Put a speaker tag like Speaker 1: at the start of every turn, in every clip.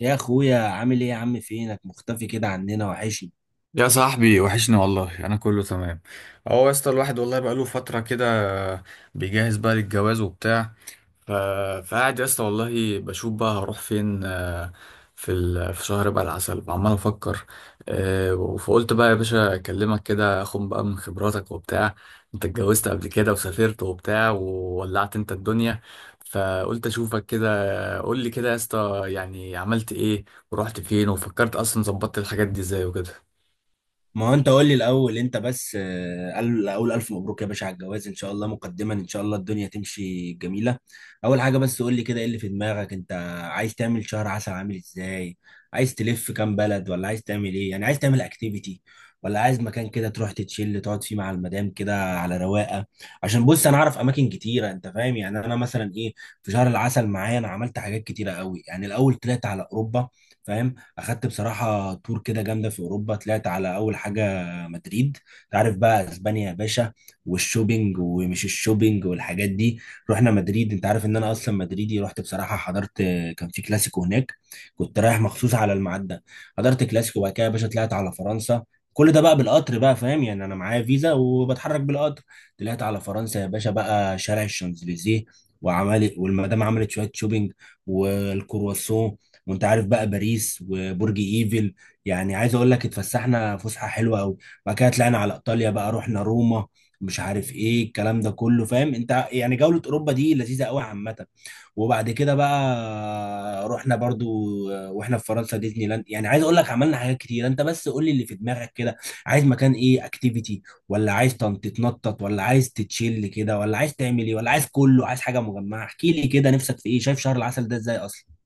Speaker 1: يا اخويا، عامل ايه يا عم؟ فينك مختفي كده عننا؟ وحشني.
Speaker 2: يا صاحبي وحشني والله. انا كله تمام. اهو يا اسطى الواحد والله بقاله فتره كده، بيجهز بقى للجواز وبتاع. ف... فقاعد يا اسطى والله بشوف بقى هروح فين. في في شهر بقى العسل وعمال افكر. فقلت بقى يا باشا اكلمك كده اخد بقى من خبراتك وبتاع. انت اتجوزت قبل كده وسافرت وبتاع وولعت انت الدنيا. فقلت اشوفك كده قول لي كده يا اسطى يعني عملت ايه ورحت فين وفكرت اصلا ظبطت الحاجات دي ازاي وكده.
Speaker 1: ما هو انت قول لي الاول انت بس اقول الف مبروك يا باشا على الجواز، ان شاء الله مقدما، ان شاء الله الدنيا تمشي جميله. اول حاجه بس قول لي كده، ايه اللي في دماغك انت؟ عايز تعمل شهر عسل عامل ازاي؟ عايز تلف كام بلد ولا عايز تعمل ايه؟ يعني عايز تعمل اكتيفيتي ولا عايز مكان كده تروح تتشيل تقعد فيه مع المدام كده على رواقه؟ عشان بص، انا اعرف اماكن كتيره، انت فاهم؟ يعني انا مثلا ايه، في شهر العسل معايا انا عملت حاجات كتيره قوي. يعني الاول طلعت على اوروبا، فاهم؟ اخدت بصراحه تور كده جامده في اوروبا. طلعت على اول حاجه مدريد. تعرف بقى اسبانيا يا باشا؟ والشوبينج ومش الشوبينج والحاجات دي. رحنا مدريد، انت عارف ان انا اصلا مدريدي. رحت بصراحه حضرت، كان في كلاسيكو هناك. كنت رايح مخصوص على الميعاد ده. حضرت كلاسيكو، وبعد كده يا باشا طلعت على فرنسا. كل ده بقى بالقطر بقى، فاهم؟ يعني انا معايا فيزا وبتحرك بالقطر. طلعت على فرنسا يا باشا، بقى شارع الشانزليزيه وعملت، والمدام عملت شويه شوبينج والكرواسون، وانت عارف بقى باريس وبرج ايفل. يعني عايز اقول لك اتفسحنا فسحه حلوه قوي. بعد كده طلعنا على ايطاليا بقى، رحنا روما، مش عارف ايه الكلام ده كله، فاهم انت؟ يعني جوله اوروبا دي لذيذه قوي عامه. وبعد كده بقى رحنا برضو واحنا في فرنسا ديزني لاند. يعني عايز اقول لك عملنا حاجات كتير. انت بس قول لي اللي في دماغك كده، عايز مكان ايه؟ اكتيفيتي ولا عايز تتنطط ولا عايز تتشيل كده ولا عايز تعمل ايه؟ ولا عايز كله، عايز حاجه مجمعه؟ احكي لي كده، نفسك في ايه؟ شايف شهر العسل ده ازاي اصلا؟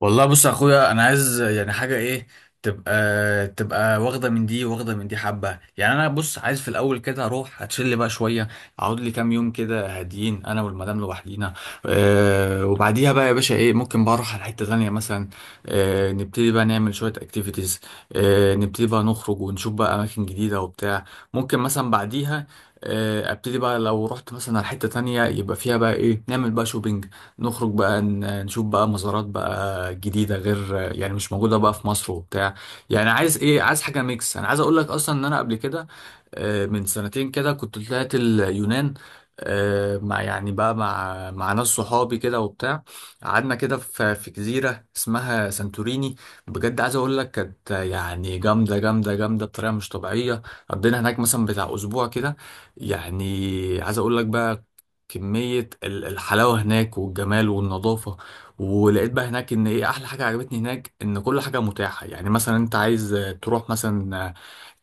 Speaker 2: والله بص يا اخويا انا عايز يعني حاجه ايه، تبقى واخده من دي واخده من دي حبه. يعني انا بص عايز في الاول كده اروح اتشل بقى شويه، اقعد لي كام يوم كده هاديين انا والمدام لوحدينا. أه، وبعديها بقى يا باشا ايه ممكن بقى اروح على حته ثانيه مثلا. أه، نبتدي بقى نعمل شويه اكتيفيتيز. أه، نبتدي بقى نخرج ونشوف بقى اماكن جديده وبتاع. ممكن مثلا بعديها ابتدي بقى لو رحت مثلا على حته تانية يبقى فيها بقى ايه نعمل بقى شوبينج. نخرج بقى نشوف بقى مزارات بقى جديدة غير يعني مش موجودة بقى في مصر وبتاع. يعني عايز ايه، عايز حاجة ميكس. انا عايز اقول لك اصلا ان انا قبل كده من سنتين كده كنت طلعت اليونان. مع يعني بقى مع ناس صحابي كده وبتاع. قعدنا كده في جزيرة اسمها سانتوريني. بجد عايز اقول لك كانت يعني جامدة جامدة جامدة بطريقة مش طبيعية. قضينا هناك مثلا بتاع اسبوع كده. يعني عايز اقول لك بقى كمية الحلاوة هناك والجمال والنظافة. ولقيت بقى هناك ان ايه احلى حاجة عجبتني هناك ان كل حاجة متاحة. يعني مثلا انت عايز تروح مثلا آه،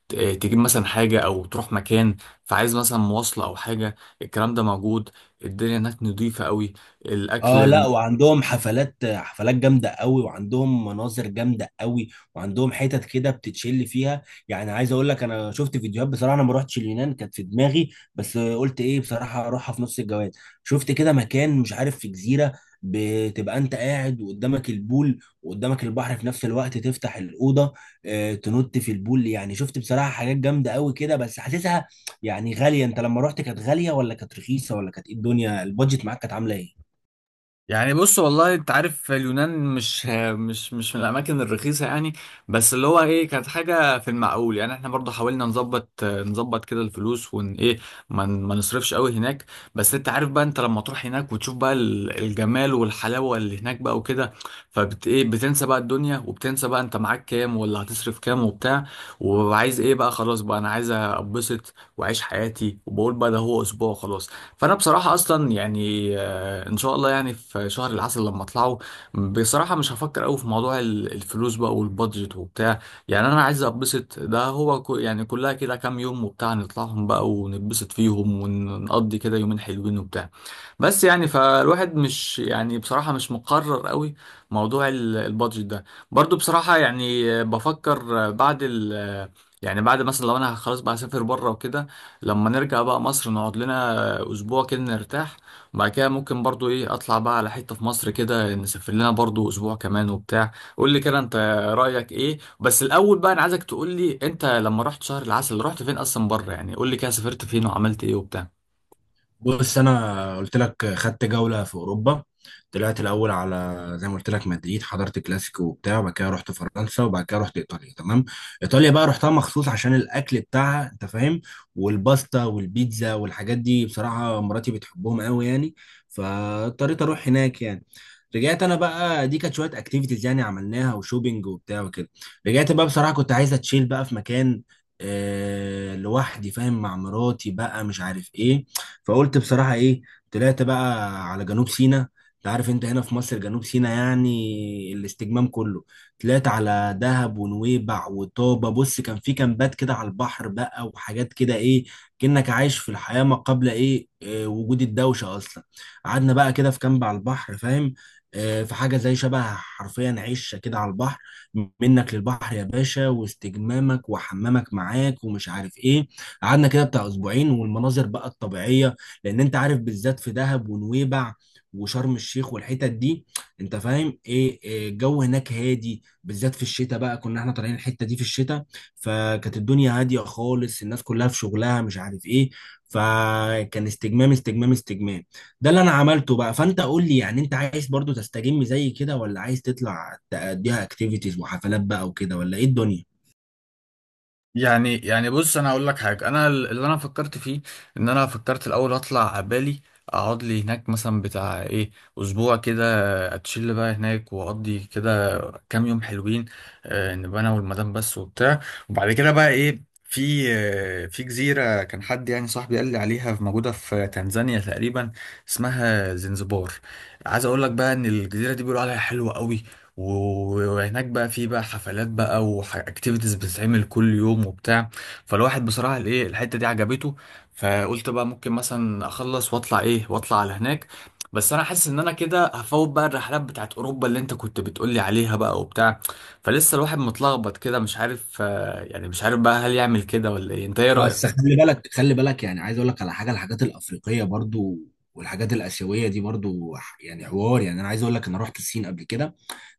Speaker 2: ت- آه، تجيب مثلا حاجة او تروح مكان. فعايز مثلا مواصلة او حاجة، الكلام ده موجود. الدنيا هناك نظيفة قوي،
Speaker 1: اه، لا،
Speaker 2: الاكل.
Speaker 1: وعندهم حفلات حفلات جامده قوي، وعندهم مناظر جامده قوي، وعندهم حتت كده بتتشل فيها. يعني عايز اقول لك انا شفت فيديوهات بصراحه. انا ما رحتش اليونان، كانت في دماغي، بس قلت ايه بصراحه اروحها في نص الجواز. شفت كده مكان، مش عارف في جزيره، بتبقى انت قاعد وقدامك البول وقدامك البحر في نفس الوقت، تفتح الاوضه تنط في البول. يعني شفت بصراحه حاجات جامده قوي كده، بس حاسسها يعني غاليه. انت لما رحت كانت غاليه ولا كانت رخيصه؟ ولا كانت ايه الدنيا؟ البادجت معاك كانت عامله ايه؟
Speaker 2: يعني بص والله انت عارف اليونان، مش مش من الاماكن الرخيصه يعني. بس اللي هو ايه كانت حاجه في المعقول. يعني احنا برضو حاولنا نظبط كده الفلوس ون ايه، ما نصرفش قوي هناك. بس انت عارف بقى انت لما تروح هناك وتشوف بقى الجمال والحلاوه اللي هناك بقى وكده، فبت ايه بتنسى بقى الدنيا وبتنسى بقى انت معاك كام ولا هتصرف كام وبتاع. وعايز ايه بقى، خلاص بقى انا عايز ابسط واعيش حياتي، وبقول بقى ده هو اسبوع خلاص. فانا بصراحه اصلا يعني، ان شاء الله يعني في شهر العسل لما اطلعه بصراحه مش هفكر قوي في موضوع الفلوس بقى والبادجت وبتاع. يعني انا عايز اتبسط، ده هو يعني كلها كده كام يوم وبتاع نطلعهم بقى ونتبسط فيهم ونقضي كده يومين حلوين وبتاع. بس يعني فالواحد مش يعني بصراحه مش مقرر قوي موضوع البادجت ده. برضو بصراحه يعني بفكر بعد ال، يعني بعد مثلا لو انا خلاص بقى هسافر بره وكده، لما نرجع بقى مصر نقعد لنا اسبوع كده نرتاح. وبعد كده ممكن برضو ايه اطلع بقى على حتة في مصر كده نسافر لنا برضو اسبوع كمان وبتاع. قول لي كده انت رأيك ايه؟ بس الاول بقى انا عايزك تقول لي انت لما رحت شهر العسل رحت فين اصلا بره. يعني قول لي كده سافرت فين وعملت ايه وبتاع.
Speaker 1: بص، انا قلت لك خدت جوله في اوروبا. طلعت الاول على زي ما قلت لك مدريد، حضرت كلاسيكو وبتاع، وبعد كده رحت فرنسا، وبعد كده رحت ايطاليا، تمام؟ ايطاليا بقى رحتها مخصوص عشان الاكل بتاعها، انت فاهم؟ والباستا والبيتزا والحاجات دي، بصراحه مراتي بتحبهم قوي يعني، فاضطريت اروح هناك يعني. رجعت انا بقى، دي كانت شويه اكتيفيتيز يعني عملناها، وشوبينج وبتاع وكده. رجعت بقى بصراحه كنت عايز اتشيل بقى في مكان لوحدي، فاهم؟ مع مراتي بقى، مش عارف ايه. فقلت بصراحة ايه، طلعت بقى على جنوب سيناء. انت عارف انت هنا في مصر جنوب سيناء يعني الاستجمام كله. طلعت على دهب ونويبع وطابة. بص، كان في كامبات كده على البحر بقى، وحاجات كده ايه، كأنك عايش في الحياة ما قبل ايه وجود الدوشة اصلا. قعدنا بقى كده في كامب على البحر، فاهم؟ في حاجة زي شبه حرفيا عشة كده على البحر، منك للبحر يا باشا، واستجمامك وحمامك معاك ومش عارف ايه. قعدنا كده بتاع اسبوعين، والمناظر بقى الطبيعية، لان انت عارف بالذات في دهب ونويبع وشرم الشيخ والحتت دي، انت فاهم ايه؟ الجو هناك هادي، بالذات في الشتاء بقى، كنا احنا طالعين الحتة دي في الشتاء. فكانت الدنيا هادية خالص، الناس كلها في شغلها مش عارف ايه. فكان استجمام استجمام استجمام. ده اللي انا عملته بقى. فانت قول لي يعني انت عايز برضو تستجم زي كده، ولا عايز تطلع تأديها اكتيفيتيز وحفلات بقى وكده، ولا ايه الدنيا؟
Speaker 2: يعني بص انا هقول لك حاجه، انا اللي انا فكرت فيه ان انا فكرت الاول اطلع بالي، اقعد لي هناك مثلا بتاع ايه، اسبوع كده. اتشيل بقى هناك واقضي كده كام يوم حلوين. نبقى انا والمدام بس وبتاع. وبعد كده بقى ايه في في جزيره كان حد يعني صاحبي قال لي عليها موجوده في تنزانيا تقريبا، اسمها زنزبار. عايز اقول لك بقى ان الجزيره دي بيقولوا عليها حلوه قوي. و- وهناك بقى في بقى حفلات بقى واكتيفيتيز بتتعمل كل يوم وبتاع. فالواحد بصراحة الايه الحتة دي عجبته. فقلت بقى ممكن مثلا اخلص واطلع ايه واطلع على هناك. بس انا حاسس ان انا كده هفوت بقى الرحلات بتاعت اوروبا اللي انت كنت بتقولي عليها بقى وبتاع. فلسه الواحد متلخبط كده مش عارف يعني مش عارف بقى هل يعمل كده ولا ايه. انت ايه
Speaker 1: بس
Speaker 2: رأيك؟
Speaker 1: خلي بالك، خلي بالك، يعني عايز اقول لك على حاجه، الحاجات الافريقيه برضو والحاجات الاسيويه دي برضو، يعني حوار. يعني انا عايز اقول لك انا رحت الصين قبل كده،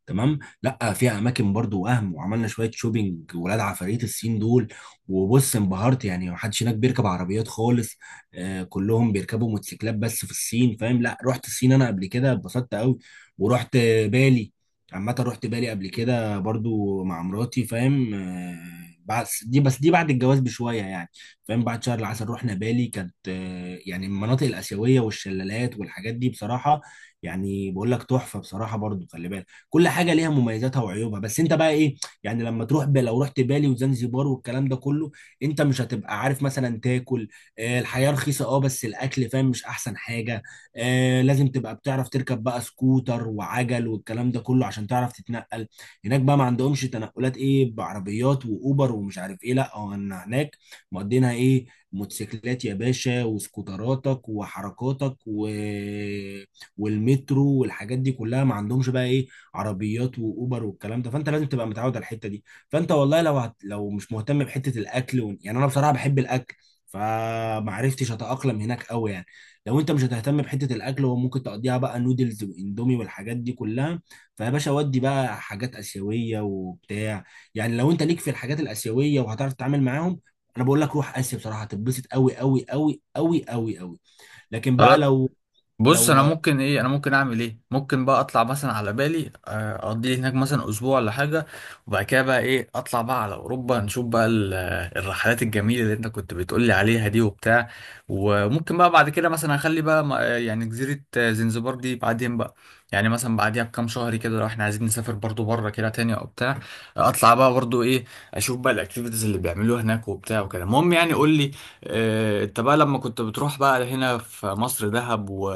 Speaker 1: تمام؟ لا، فيها اماكن برضو وهم، وعملنا شويه شوبينج، ولاد عفاريت الصين دول. وبص انبهرت، يعني محدش هناك بيركب عربيات خالص. كلهم بيركبوا موتوسيكلات بس في الصين، فاهم؟ لا، رحت الصين انا قبل كده، اتبسطت قوي. ورحت بالي. عامه رحت بالي قبل كده برضو مع مراتي، فاهم آه؟ بس دي بعد الجواز بشويه يعني، فاهم؟ بعد شهر العسل رحنا بالي. كانت يعني المناطق الآسيوية والشلالات والحاجات دي بصراحة، يعني بقول لك تحفة بصراحة. برضو خلي بالك، كل حاجه ليها مميزاتها وعيوبها، بس انت بقى ايه. يعني لما تروح لو رحت بالي وزنزبار والكلام ده كله، انت مش هتبقى عارف مثلا تاكل. الحياه رخيصه، بس الاكل فاهم مش احسن حاجه. لازم تبقى بتعرف تركب بقى سكوتر وعجل والكلام ده كله عشان تعرف تتنقل. هناك بقى ما عندهمش تنقلات ايه بعربيات واوبر ومش عارف ايه. لا، هو إن هناك مقضينها ايه، موتوسيكلات يا باشا وسكوتراتك وحركاتك والمترو والحاجات دي كلها. ما عندهمش بقى ايه عربيات واوبر والكلام ده، فانت لازم تبقى متعود على الحته دي. فانت والله لو لو مش مهتم بحته الاكل يعني انا بصراحه بحب الاكل، فما عرفتش اتاقلم هناك قوي يعني. لو انت مش هتهتم بحته الاكل وممكن تقضيها بقى نودلز واندومي والحاجات دي كلها، فيا باشا، ودي بقى حاجات اسيويه وبتاع. يعني لو انت ليك في الحاجات الاسيويه وهتعرف تتعامل معاهم، انا بقول لك روح اسيا بصراحه، هتتبسط قوي قوي قوي قوي قوي قوي. لكن بقى لو
Speaker 2: بص انا
Speaker 1: لو
Speaker 2: ممكن ايه، انا ممكن اعمل ايه، ممكن بقى اطلع مثلا على بالي اقضي لي هناك مثلا اسبوع ولا حاجه. وبعد كده بقى ايه اطلع بقى على اوروبا نشوف بقى الرحلات الجميله اللي انت كنت بتقول لي عليها دي وبتاع. وممكن بقى بعد كده مثلا اخلي بقى يعني جزيره زنزبار دي بعدين بقى. يعني مثلا بعديها بكام شهر كده لو احنا عايزين نسافر برضو بره كده تاني او بتاع، اطلع بقى برضو ايه اشوف بقى الاكتيفيتيز اللي بيعملوها هناك وبتاع وكده. المهم يعني قول لي انت بقى لما كنت بتروح بقى هنا في مصر دهب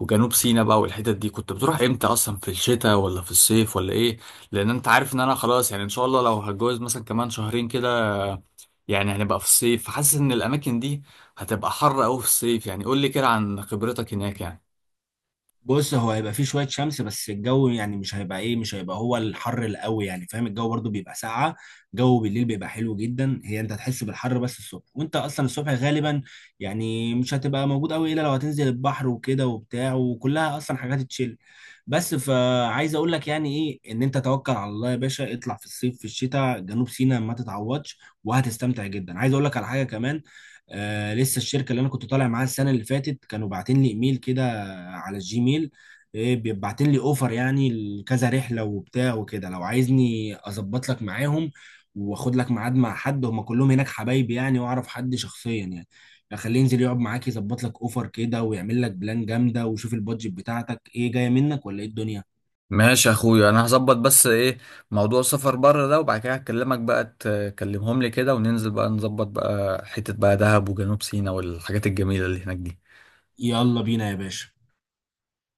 Speaker 2: وجنوب سيناء بقى والحتت دي كنت بتروح امتى اصلا، في الشتاء ولا في الصيف ولا ايه؟ لان انت عارف ان انا خلاص، يعني ان شاء الله لو هتجوز مثلا كمان شهرين كده يعني هنبقى في الصيف. فحاسس ان الاماكن دي هتبقى حر قوي في الصيف. يعني قول لي كده عن خبرتك هناك يعني.
Speaker 1: بص، هو هيبقى فيه شوية شمس بس الجو يعني مش هيبقى ايه، مش هيبقى هو الحر القوي يعني، فاهم؟ الجو برضو بيبقى ساقعة. جو بالليل بيبقى حلو جدا، هي انت هتحس بالحر بس الصبح، وانت اصلا الصبح غالبا يعني مش هتبقى موجود قوي، الا لو هتنزل البحر وكده وبتاع، وكلها اصلا حاجات تشيل بس. فعايز اقول لك يعني ايه، ان انت توكل على الله يا باشا، اطلع في الصيف في الشتاء جنوب سيناء ما تتعوضش، وهتستمتع جدا. عايز اقول لك على حاجة كمان، لسه الشركة اللي انا كنت طالع معاها السنة اللي فاتت كانوا باعتين لي ايميل كده على الجيميل، إيه بيبعتين لي اوفر يعني لكذا رحله وبتاع وكده. لو عايزني اظبط لك معاهم، واخد لك ميعاد مع حد، هم كلهم هناك حبايبي يعني واعرف حد شخصيا يعني، اخليه ينزل يقعد معاك يظبط لك اوفر كده، ويعمل لك بلان جامده، وشوف البادجت بتاعتك ايه جايه منك ولا ايه الدنيا.
Speaker 2: ماشي يا اخويا انا هظبط بس ايه موضوع السفر بره ده. وبعد كده هكلمك بقى تكلمهم لي كده وننزل بقى نظبط بقى حتة بقى دهب وجنوب سيناء والحاجات الجميلة اللي هناك دي.
Speaker 1: يلا بينا يا باشا.